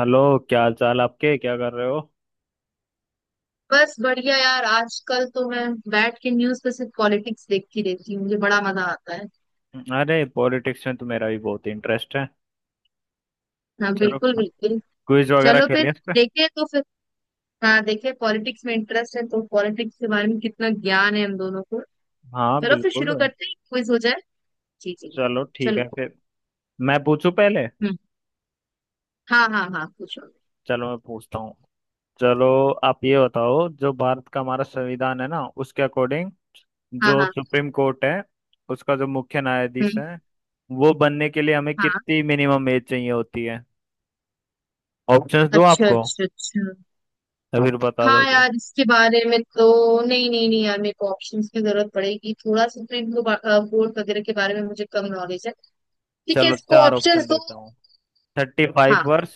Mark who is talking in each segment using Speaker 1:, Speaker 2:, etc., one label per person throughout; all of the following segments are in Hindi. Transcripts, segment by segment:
Speaker 1: हेलो! क्या हाल चाल आपके? क्या कर रहे हो?
Speaker 2: बस बढ़िया यार आजकल तो मैं बैठ के न्यूज पे सिर्फ पॉलिटिक्स देखती रहती हूँ मुझे बड़ा मजा आता है।
Speaker 1: अरे, पॉलिटिक्स में तो मेरा भी बहुत इंटरेस्ट है।
Speaker 2: हाँ
Speaker 1: चलो,
Speaker 2: बिल्कुल बिल्कुल।
Speaker 1: क्विज वगैरह
Speaker 2: चलो फिर
Speaker 1: खेलें इस पे।
Speaker 2: देखे तो फिर। हाँ देखे पॉलिटिक्स में इंटरेस्ट है तो पॉलिटिक्स के बारे में कितना ज्ञान है हम दोनों को।
Speaker 1: हाँ,
Speaker 2: चलो फिर
Speaker 1: बिल्कुल।
Speaker 2: शुरू करते हैं क्विज हो जाए। जी जी।
Speaker 1: चलो, ठीक है
Speaker 2: चलो।
Speaker 1: फिर। मैं पूछूं पहले?
Speaker 2: हम्म। हाँ हाँ हाँ पूछो।
Speaker 1: चलो, मैं पूछता हूँ। चलो। आप ये बताओ, जो भारत का हमारा संविधान है ना, उसके अकॉर्डिंग
Speaker 2: हाँ
Speaker 1: जो
Speaker 2: हाँ।
Speaker 1: सुप्रीम कोर्ट है, उसका जो मुख्य न्यायाधीश
Speaker 2: हम्म।
Speaker 1: है, वो बनने के लिए हमें
Speaker 2: हाँ।
Speaker 1: कितनी मिनिमम एज चाहिए होती है? ऑप्शंस दो
Speaker 2: अच्छा
Speaker 1: आपको
Speaker 2: अच्छा अच्छा।
Speaker 1: या फिर बता
Speaker 2: हाँ
Speaker 1: दोगे?
Speaker 2: यार इसके बारे में तो। नहीं नहीं नहीं यार मेरे को ऑप्शंस की जरूरत पड़ेगी थोड़ा सा तो इनको बोर्ड वगैरह के बारे में मुझे कम नॉलेज है। ठीक है
Speaker 1: चलो,
Speaker 2: इसको
Speaker 1: चार
Speaker 2: ऑप्शन
Speaker 1: ऑप्शन
Speaker 2: दो।
Speaker 1: देता हूँ। थर्टी
Speaker 2: हाँ।
Speaker 1: फाइव वर्ष,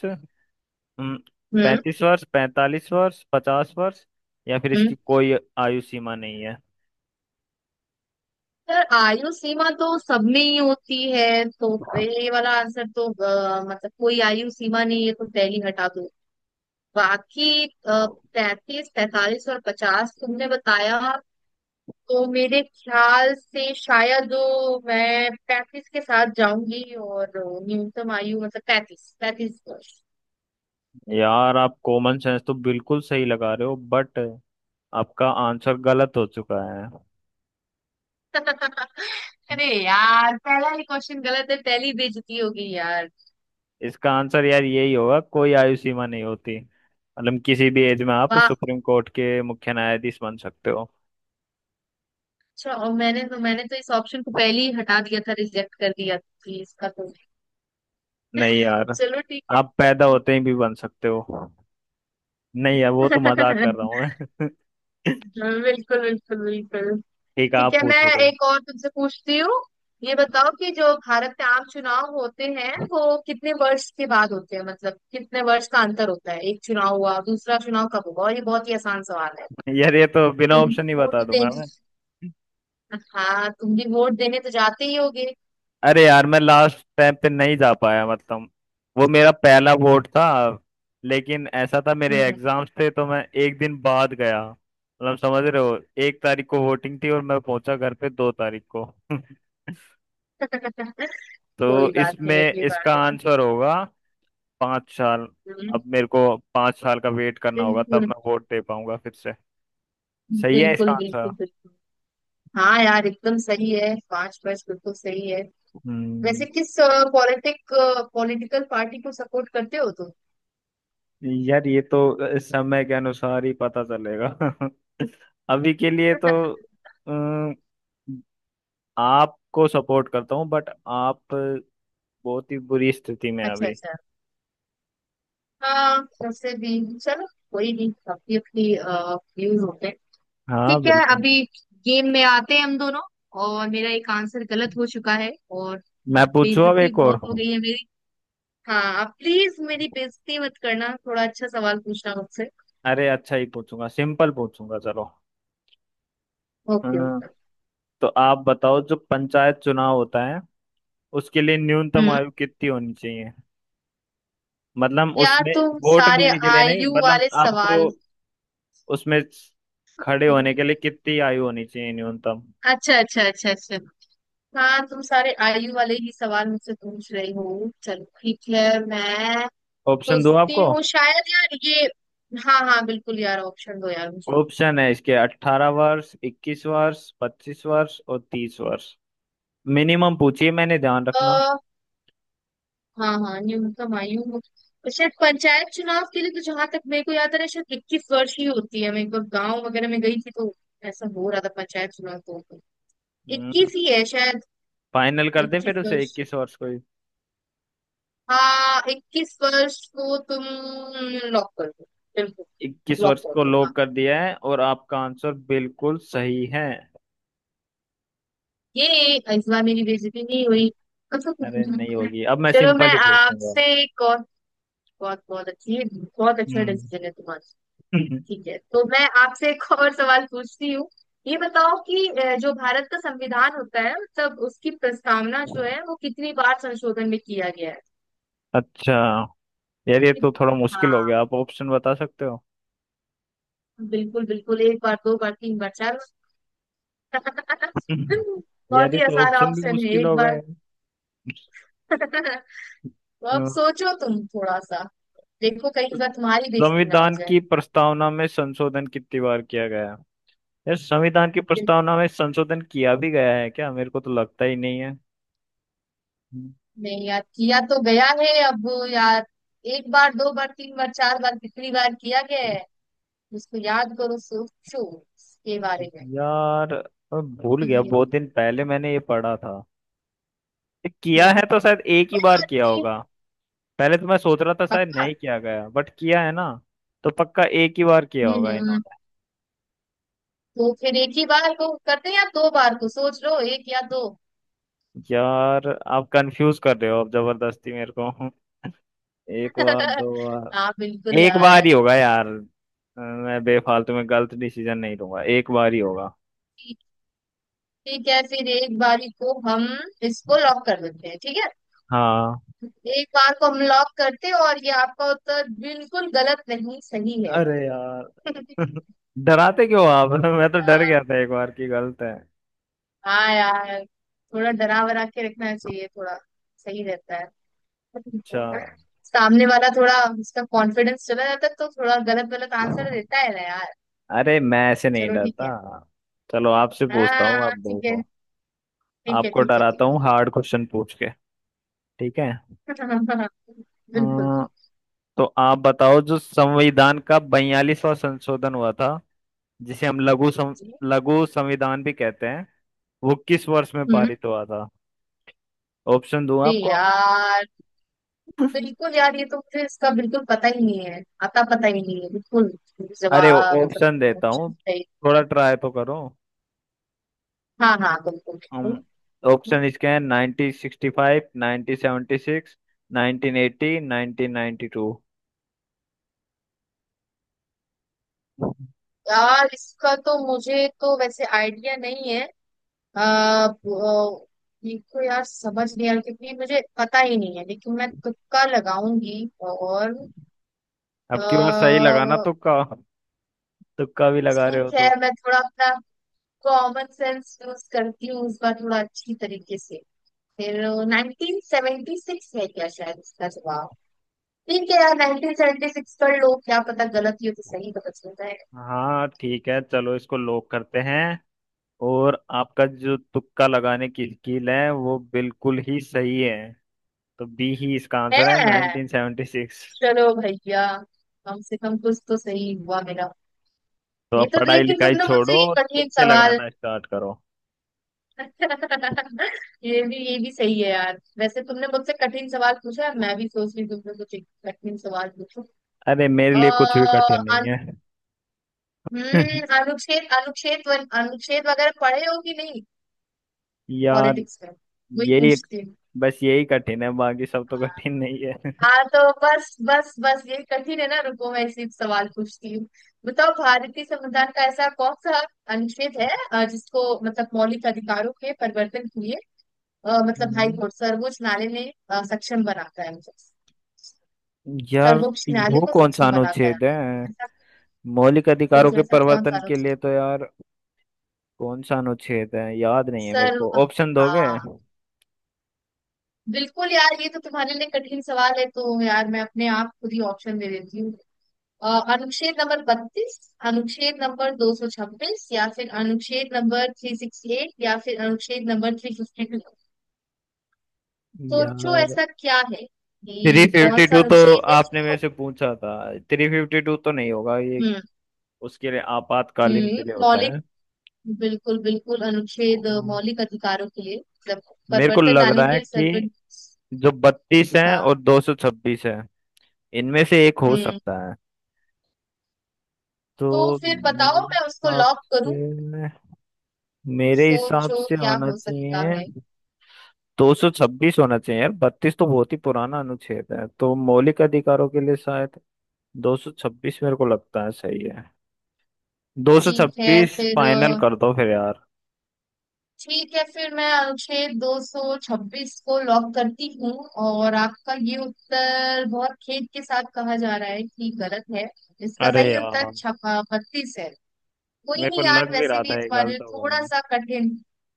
Speaker 2: हम्म।
Speaker 1: पैंतीस वर्ष, पैंतालीस वर्ष, पचास वर्ष, या फिर
Speaker 2: हम्म।
Speaker 1: इसकी कोई आयु सीमा नहीं है।
Speaker 2: सर आयु सीमा तो सब में ही होती है। तो पहले वाला आंसर तो मतलब कोई आयु सीमा नहीं है तो पहली हटा दो। बाकी पैंतीस 45 और 50 तुमने बताया। तो मेरे ख्याल से शायद मैं 35 के साथ जाऊंगी और न्यूनतम आयु मतलब 35 35 वर्ष।
Speaker 1: यार, आप कॉमन सेंस तो बिल्कुल सही लगा रहे हो, बट आपका आंसर गलत हो चुका है।
Speaker 2: अरे यार पहला ही क्वेश्चन गलत है पहली बेइज्जती होगी यार।
Speaker 1: इसका आंसर यार यही होगा, कोई आयु सीमा नहीं होती, मतलब किसी भी एज में आप
Speaker 2: वाह।
Speaker 1: सुप्रीम कोर्ट के मुख्य न्यायाधीश बन सकते हो।
Speaker 2: अच्छा और मैंने तो इस ऑप्शन को पहले ही हटा दिया था रिजेक्ट कर दिया थी इसका तो।
Speaker 1: नहीं यार,
Speaker 2: चलो ठीक है।
Speaker 1: आप पैदा होते ही भी बन सकते हो। नहीं यार, वो तो मजाक कर रहा हूँ मैं।
Speaker 2: बिल्कुल बिल्कुल बिल्कुल।
Speaker 1: ठीक है,
Speaker 2: ठीक
Speaker 1: आप
Speaker 2: है मैं
Speaker 1: पूछो कोई।
Speaker 2: एक और तुमसे पूछती हूँ। ये बताओ कि जो भारत में आम चुनाव होते हैं वो कितने वर्ष के बाद होते हैं मतलब कितने वर्ष का अंतर होता है एक चुनाव हुआ दूसरा चुनाव कब होगा और ये बहुत ही आसान सवाल है।
Speaker 1: यार, ये तो बिना
Speaker 2: तुम भी
Speaker 1: ऑप्शन ही बता
Speaker 2: वोट
Speaker 1: दूंगा
Speaker 2: देने।
Speaker 1: मैं।
Speaker 2: हाँ तुम भी वोट देने तो जाते ही होगे।
Speaker 1: अरे यार, मैं लास्ट टाइम पे नहीं जा पाया, मतलब वो मेरा पहला वोट था। लेकिन ऐसा था, मेरे
Speaker 2: हम्म।
Speaker 1: एग्जाम्स थे, तो मैं एक दिन बाद गया, मतलब समझ रहे हो? एक तारीख को वोटिंग थी और मैं पहुंचा घर पे दो तारीख को। तो
Speaker 2: कोई बात नहीं
Speaker 1: इसमें
Speaker 2: अगली बार
Speaker 1: इसका
Speaker 2: देगा।
Speaker 1: आंसर होगा पाँच साल।
Speaker 2: हम्म।
Speaker 1: अब मेरे को पाँच साल का वेट करना होगा, तब
Speaker 2: बिल्कुल
Speaker 1: मैं वोट दे पाऊंगा फिर से। सही है इसका
Speaker 2: बिल्कुल
Speaker 1: आंसर।
Speaker 2: बिल्कुल बिल्कुल। हाँ यार एकदम सही है पांच पांच बिल्कुल सही है।
Speaker 1: हम्म।
Speaker 2: वैसे किस पॉलिटिक पॉलिटिकल पार्टी को सपोर्ट करते हो तुम।
Speaker 1: यार, ये तो समय के अनुसार ही पता चलेगा। अभी के लिए तो अम, आपको सपोर्ट करता हूँ, बट आप बहुत ही बुरी स्थिति में हैं
Speaker 2: अच्छा
Speaker 1: अभी।
Speaker 2: अच्छा। हाँ वैसे भी चलो कोई नहीं अपनी अपनी व्यूज होते हैं।
Speaker 1: हाँ,
Speaker 2: ठीक है
Speaker 1: बिल्कुल।
Speaker 2: अभी गेम में आते हैं हम दोनों और मेरा एक आंसर गलत हो चुका है और
Speaker 1: मैं
Speaker 2: अब
Speaker 1: पूछूं अब
Speaker 2: बेइज्जती
Speaker 1: एक और?
Speaker 2: बहुत हो गई है मेरी। हाँ प्लीज मेरी बेइज्जती मत करना थोड़ा अच्छा सवाल पूछना मुझसे।
Speaker 1: अरे, अच्छा ही पूछूंगा, सिंपल पूछूंगा, चलो।
Speaker 2: Okay
Speaker 1: um,
Speaker 2: okay.
Speaker 1: तो आप बताओ, जो पंचायत चुनाव होता है उसके लिए न्यूनतम
Speaker 2: हम्म।
Speaker 1: आयु कितनी होनी चाहिए? मतलब
Speaker 2: यार
Speaker 1: उसमें
Speaker 2: तुम
Speaker 1: वोट
Speaker 2: सारे
Speaker 1: देने के लिए नहीं,
Speaker 2: आयु
Speaker 1: मतलब
Speaker 2: वाले
Speaker 1: आपको
Speaker 2: सवाल।
Speaker 1: उसमें खड़े होने के लिए कितनी आयु होनी चाहिए न्यूनतम?
Speaker 2: अच्छा अच्छा अच्छा अच्छा। हाँ तुम सारे आयु वाले ही सवाल मुझसे पूछ रही हो चलो ठीक है मैं
Speaker 1: ऑप्शन दो
Speaker 2: सोचती
Speaker 1: आपको?
Speaker 2: हूँ शायद यार ये। हाँ हाँ बिल्कुल यार ऑप्शन दो यार मुझे।
Speaker 1: ऑप्शन है इसके, अट्ठारह वर्ष, इक्कीस वर्ष, पच्चीस वर्ष और तीस वर्ष। मिनिमम पूछिए, मैंने ध्यान रखना।
Speaker 2: आ, हाँ हाँ न्यूनतम आयु हो तो शायद पंचायत चुनाव के लिए तो जहां तक मेरे को याद आ रहा है शायद 21 वर्ष ही होती है मैं एक बार गाँव वगैरह में गई थी तो ऐसा हो रहा था पंचायत चुनाव तो
Speaker 1: हम्म।
Speaker 2: 21 ही है शायद।
Speaker 1: फाइनल कर दे
Speaker 2: इक्कीस
Speaker 1: फिर उसे,
Speaker 2: वर्ष।
Speaker 1: इक्कीस वर्ष को ही।
Speaker 2: हाँ इक्कीस वर्ष को तुम लॉक कर दो बिल्कुल।
Speaker 1: इक्कीस
Speaker 2: लॉक
Speaker 1: वर्ष
Speaker 2: कर
Speaker 1: को
Speaker 2: दो हाँ।
Speaker 1: लॉक कर दिया है और आपका आंसर बिल्कुल सही है।
Speaker 2: ये इस बार मेरी बेइज्जती नहीं हुई।
Speaker 1: अरे, नहीं होगी, अब मैं
Speaker 2: चलो
Speaker 1: सिंपल
Speaker 2: मैं
Speaker 1: ही पूछूंगा।
Speaker 2: आपसे एक और। बहुत बहुत अच्छी है। बहुत अच्छा
Speaker 1: हम्म।
Speaker 2: डिसीजन है तुम्हारा। ठीक है तो मैं आपसे एक और सवाल पूछती हूँ। ये बताओ कि जो भारत का संविधान होता है मतलब उसकी प्रस्तावना जो है वो कितनी बार संशोधन में किया गया है।
Speaker 1: अच्छा। यार, ये तो थोड़ा
Speaker 2: हाँ
Speaker 1: मुश्किल हो गया, आप ऑप्शन बता सकते हो?
Speaker 2: बिल्कुल बिल्कुल एक बार दो बार तीन बार चार बार।
Speaker 1: यार,
Speaker 2: बहुत
Speaker 1: ये
Speaker 2: ही
Speaker 1: तो
Speaker 2: आसान
Speaker 1: ऑप्शन भी
Speaker 2: ऑप्शन है
Speaker 1: मुश्किल
Speaker 2: एक
Speaker 1: हो
Speaker 2: बार।
Speaker 1: गए।
Speaker 2: तो
Speaker 1: अ,
Speaker 2: अब सोचो तुम थोड़ा सा देखो कहीं इस बार तुम्हारी बेइज्जती ना हो
Speaker 1: संविधान
Speaker 2: जाए।
Speaker 1: की प्रस्तावना में संशोधन कितनी बार किया गया? यार, संविधान की
Speaker 2: फिर-
Speaker 1: प्रस्तावना में संशोधन किया भी गया है क्या? मेरे को तो लगता ही नहीं है। हम्म।
Speaker 2: नहीं यार किया तो गया है अब। यार एक बार दो बार तीन बार चार बार कितनी बार किया गया है उसको याद करो सोचो इसके बारे में।
Speaker 1: यार, भूल गया,
Speaker 2: ये-
Speaker 1: बहुत दिन पहले मैंने ये पढ़ा था। ये किया है
Speaker 2: हम्म।
Speaker 1: तो शायद एक ही बार किया
Speaker 2: आदमी-
Speaker 1: होगा। पहले तो मैं सोच रहा था शायद
Speaker 2: पक्का।
Speaker 1: नहीं किया गया, बट किया है ना। तो पक्का एक ही बार किया होगा
Speaker 2: हम्म।
Speaker 1: इन्होंने।
Speaker 2: तो फिर एक ही बार को करते हैं या दो बार को सोच लो एक या दो।
Speaker 1: यार, आप कंफ्यूज कर रहे हो अब जबरदस्ती मेरे को। एक बार, दो बार,
Speaker 2: हाँ बिल्कुल
Speaker 1: एक बार
Speaker 2: यार।
Speaker 1: ही होगा यार। मैं बेफालतू में गलत डिसीजन नहीं लूंगा, एक बार ही होगा।
Speaker 2: ठीक है फिर एक बारी को हम इसको लॉक कर देते हैं ठीक है।
Speaker 1: हाँ।
Speaker 2: एक बार को हम लॉक करते हैं और ये आपका उत्तर बिल्कुल गलत नहीं सही है।
Speaker 1: अरे यार! डराते क्यों आप? मैं तो डर
Speaker 2: आ,
Speaker 1: गया था, एक बार की गलत है।
Speaker 2: हाँ यार थोड़ा डरा वरा के रखना चाहिए थोड़ा सही रहता है
Speaker 1: अच्छा।
Speaker 2: सामने वाला थोड़ा उसका कॉन्फिडेंस चला जाता है तो थोड़ा गलत गलत आंसर देता है ना यार।
Speaker 1: अरे, मैं ऐसे नहीं
Speaker 2: चलो ठीक
Speaker 1: डरता।
Speaker 2: है।
Speaker 1: चलो, आपसे पूछता हूँ,
Speaker 2: हाँ
Speaker 1: आप
Speaker 2: ठीक है
Speaker 1: देखो।
Speaker 2: ठीक है
Speaker 1: आपको
Speaker 2: ठीक है
Speaker 1: डराता
Speaker 2: ठीक
Speaker 1: हूँ
Speaker 2: है।
Speaker 1: हार्ड क्वेश्चन पूछ के। ठीक है।
Speaker 2: बिल्कुल।
Speaker 1: अम, तो आप बताओ, जो संविधान का बयालीसवां संशोधन हुआ था, जिसे हम लघु संविधान भी कहते हैं, वो किस वर्ष में
Speaker 2: हम्म।
Speaker 1: पारित हुआ था? ऑप्शन दूं
Speaker 2: अरे
Speaker 1: आपको?
Speaker 2: यार बिल्कुल यार ये तो मुझे इसका बिल्कुल पता ही नहीं है आता पता ही नहीं है बिल्कुल
Speaker 1: अरे,
Speaker 2: जवाब
Speaker 1: ऑप्शन
Speaker 2: मतलब।
Speaker 1: देता हूँ,
Speaker 2: ऑप्शन है।
Speaker 1: थोड़ा ट्राई तो करो।
Speaker 2: हाँ हाँ बिल्कुल बिल्कुल।
Speaker 1: ऑप्शन इसके हैं, nineteen sixty five, nineteen seventy six, nineteen eighty, nineteen ninety two.
Speaker 2: यार इसका तो मुझे तो वैसे आइडिया नहीं है। आ, देखो यार समझ नहीं आ रहा क्योंकि मुझे पता ही नहीं है लेकिन मैं तुक्का लगाऊंगी और। अ,
Speaker 1: अब की बार सही लगाना तुक्का। तुक्का भी लगा रहे हो
Speaker 2: ठीक है
Speaker 1: तो।
Speaker 2: मैं थोड़ा अपना कॉमन सेंस यूज करती हूँ इस बार थोड़ा अच्छी तरीके से फिर 1976 है क्या शायद इसका जवाब। ठीक है यार 1976 कर लो क्या पता गलत ही हो तो सही पता चल जाएगा।
Speaker 1: हाँ ठीक है, चलो, इसको लॉक करते हैं। और आपका जो तुक्का लगाने की स्किल है, वो बिल्कुल ही सही है। तो बी ही इसका आंसर है,
Speaker 2: है।
Speaker 1: 1976।
Speaker 2: चलो भैया कम से कम कुछ तो सही हुआ मेरा।
Speaker 1: तो
Speaker 2: ये
Speaker 1: अब
Speaker 2: तो
Speaker 1: पढ़ाई
Speaker 2: लेकिन
Speaker 1: लिखाई
Speaker 2: तुमने
Speaker 1: छोड़ो
Speaker 2: मुझसे ये
Speaker 1: और
Speaker 2: कठिन
Speaker 1: तुक्के
Speaker 2: सवाल।
Speaker 1: लगाना स्टार्ट करो।
Speaker 2: ये भी सही है यार वैसे तुमने मुझसे कठिन सवाल पूछा है मैं भी सोच रही हूँ तुमने कुछ एक कठिन सवाल पूछो।
Speaker 1: अरे, मेरे लिए कुछ भी
Speaker 2: अः
Speaker 1: कठिन
Speaker 2: अनु,
Speaker 1: नहीं है।
Speaker 2: अनुच्छेद अनुच्छेद व- अनुच्छेद वगैरह पढ़े हो कि नहीं।
Speaker 1: यार,
Speaker 2: पॉलिटिक्स में वही
Speaker 1: यही,
Speaker 2: पूछती।
Speaker 1: बस यही कठिन है, बाकी सब तो कठिन नहीं है।
Speaker 2: हाँ तो बस बस बस ये कठिन है ना रुको मैं इसी सवाल पूछती हूँ। बताओ भारतीय संविधान का ऐसा कौन सा अनुच्छेद है जिसको मतलब मौलिक अधिकारों के परिवर्तन के लिए मतलब हाई
Speaker 1: हम्म।
Speaker 2: कोर्ट सर्वोच्च न्यायालय ने सक्षम बनाता है मुझे
Speaker 1: यार,
Speaker 2: सर्वोच्च न्यायालय
Speaker 1: वो
Speaker 2: को
Speaker 1: कौन सा
Speaker 2: सक्षम बनाता
Speaker 1: अनुच्छेद है
Speaker 2: है ऐसा
Speaker 1: मौलिक अधिकारों
Speaker 2: सोचो
Speaker 1: के
Speaker 2: ऐसा कौन
Speaker 1: प्रवर्तन
Speaker 2: सा
Speaker 1: के
Speaker 2: अनुच्छेद।
Speaker 1: लिए? तो यार, कौन सा अनुच्छेद है याद नहीं है मेरे
Speaker 2: सर्व
Speaker 1: को, ऑप्शन दोगे?
Speaker 2: हाँ बिल्कुल यार ये तो तुम्हारे लिए कठिन सवाल है तो यार मैं अपने आप खुद ही ऑप्शन दे देती हूँ। अ, अनुच्छेद नंबर 32 अनुच्छेद नंबर 226 या फिर अनुच्छेद नंबर 368 या फिर अनुच्छेद नंबर 352। सोचो
Speaker 1: यार,
Speaker 2: ऐसा क्या है
Speaker 1: थ्री
Speaker 2: कि कौन
Speaker 1: फिफ्टी
Speaker 2: सा
Speaker 1: टू तो
Speaker 2: अनुच्छेद है
Speaker 1: आपने मेरे
Speaker 2: जो।
Speaker 1: से पूछा था, थ्री फिफ्टी टू तो नहीं होगा ये,
Speaker 2: हम्म।
Speaker 1: उसके लिए आपातकालीन के लिए होता
Speaker 2: मौलिक
Speaker 1: है।
Speaker 2: बिल्कुल बिल्कुल अनुच्छेद मौलिक अधिकारों के लिए मतलब
Speaker 1: मेरे को
Speaker 2: परिवर्तन
Speaker 1: लग
Speaker 2: लाने
Speaker 1: रहा
Speaker 2: के
Speaker 1: है
Speaker 2: लिए
Speaker 1: कि
Speaker 2: सर्वोच्च।
Speaker 1: जो बत्तीस है
Speaker 2: हाँ।
Speaker 1: और दो सौ छब्बीस है, इनमें से एक हो
Speaker 2: हम्म।
Speaker 1: सकता है। तो
Speaker 2: तो फिर
Speaker 1: मेरे
Speaker 2: बताओ मैं उसको
Speaker 1: हिसाब
Speaker 2: लॉक
Speaker 1: से
Speaker 2: करूं
Speaker 1: मेरे हिसाब
Speaker 2: सोचो
Speaker 1: से
Speaker 2: क्या
Speaker 1: होना
Speaker 2: हो सकता
Speaker 1: चाहिए
Speaker 2: है।
Speaker 1: दो सौ छब्बीस। होना चाहिए यार, बत्तीस तो बहुत ही पुराना अनुच्छेद है, तो मौलिक अधिकारों के लिए शायद दो सौ छब्बीस मेरे को लगता है सही है। दो सौ
Speaker 2: ठीक है
Speaker 1: छब्बीस
Speaker 2: फिर
Speaker 1: फाइनल कर दो फिर यार।
Speaker 2: ठीक है फिर मैं अनुच्छेद 226 को लॉक करती हूँ और आपका ये उत्तर बहुत खेद के साथ कहा जा रहा है कि गलत है इसका
Speaker 1: अरे
Speaker 2: सही
Speaker 1: यार,
Speaker 2: उत्तर छपा 32 है। कोई
Speaker 1: मेरे को
Speaker 2: नहीं यार
Speaker 1: लग भी
Speaker 2: वैसे
Speaker 1: रहा
Speaker 2: भी
Speaker 1: था
Speaker 2: इस
Speaker 1: ये
Speaker 2: बार
Speaker 1: गलत होगा।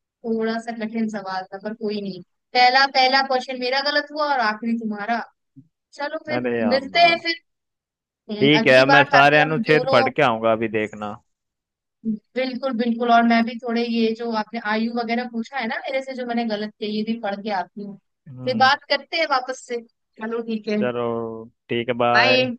Speaker 2: थोड़ा सा कठिन सवाल था पर कोई नहीं। पहला पहला क्वेश्चन मेरा गलत हुआ और आखिरी तुम्हारा। चलो फिर
Speaker 1: अरे यार!
Speaker 2: मिलते हैं फिर।
Speaker 1: ठीक है,
Speaker 2: अगली
Speaker 1: मैं
Speaker 2: बार ताकि
Speaker 1: सारे
Speaker 2: हम
Speaker 1: अनुच्छेद पढ़
Speaker 2: दोनों।
Speaker 1: के आऊंगा, अभी देखना।
Speaker 2: बिल्कुल बिल्कुल और मैं भी थोड़े ये जो आपने आयु वगैरह पूछा है ना मेरे से जो मैंने गलत किया ये भी पढ़ के आती हूँ। फिर
Speaker 1: हम्म।
Speaker 2: बात करते हैं वापस से चलो ठीक है
Speaker 1: चलो, ठीक है, बाय।
Speaker 2: बाय।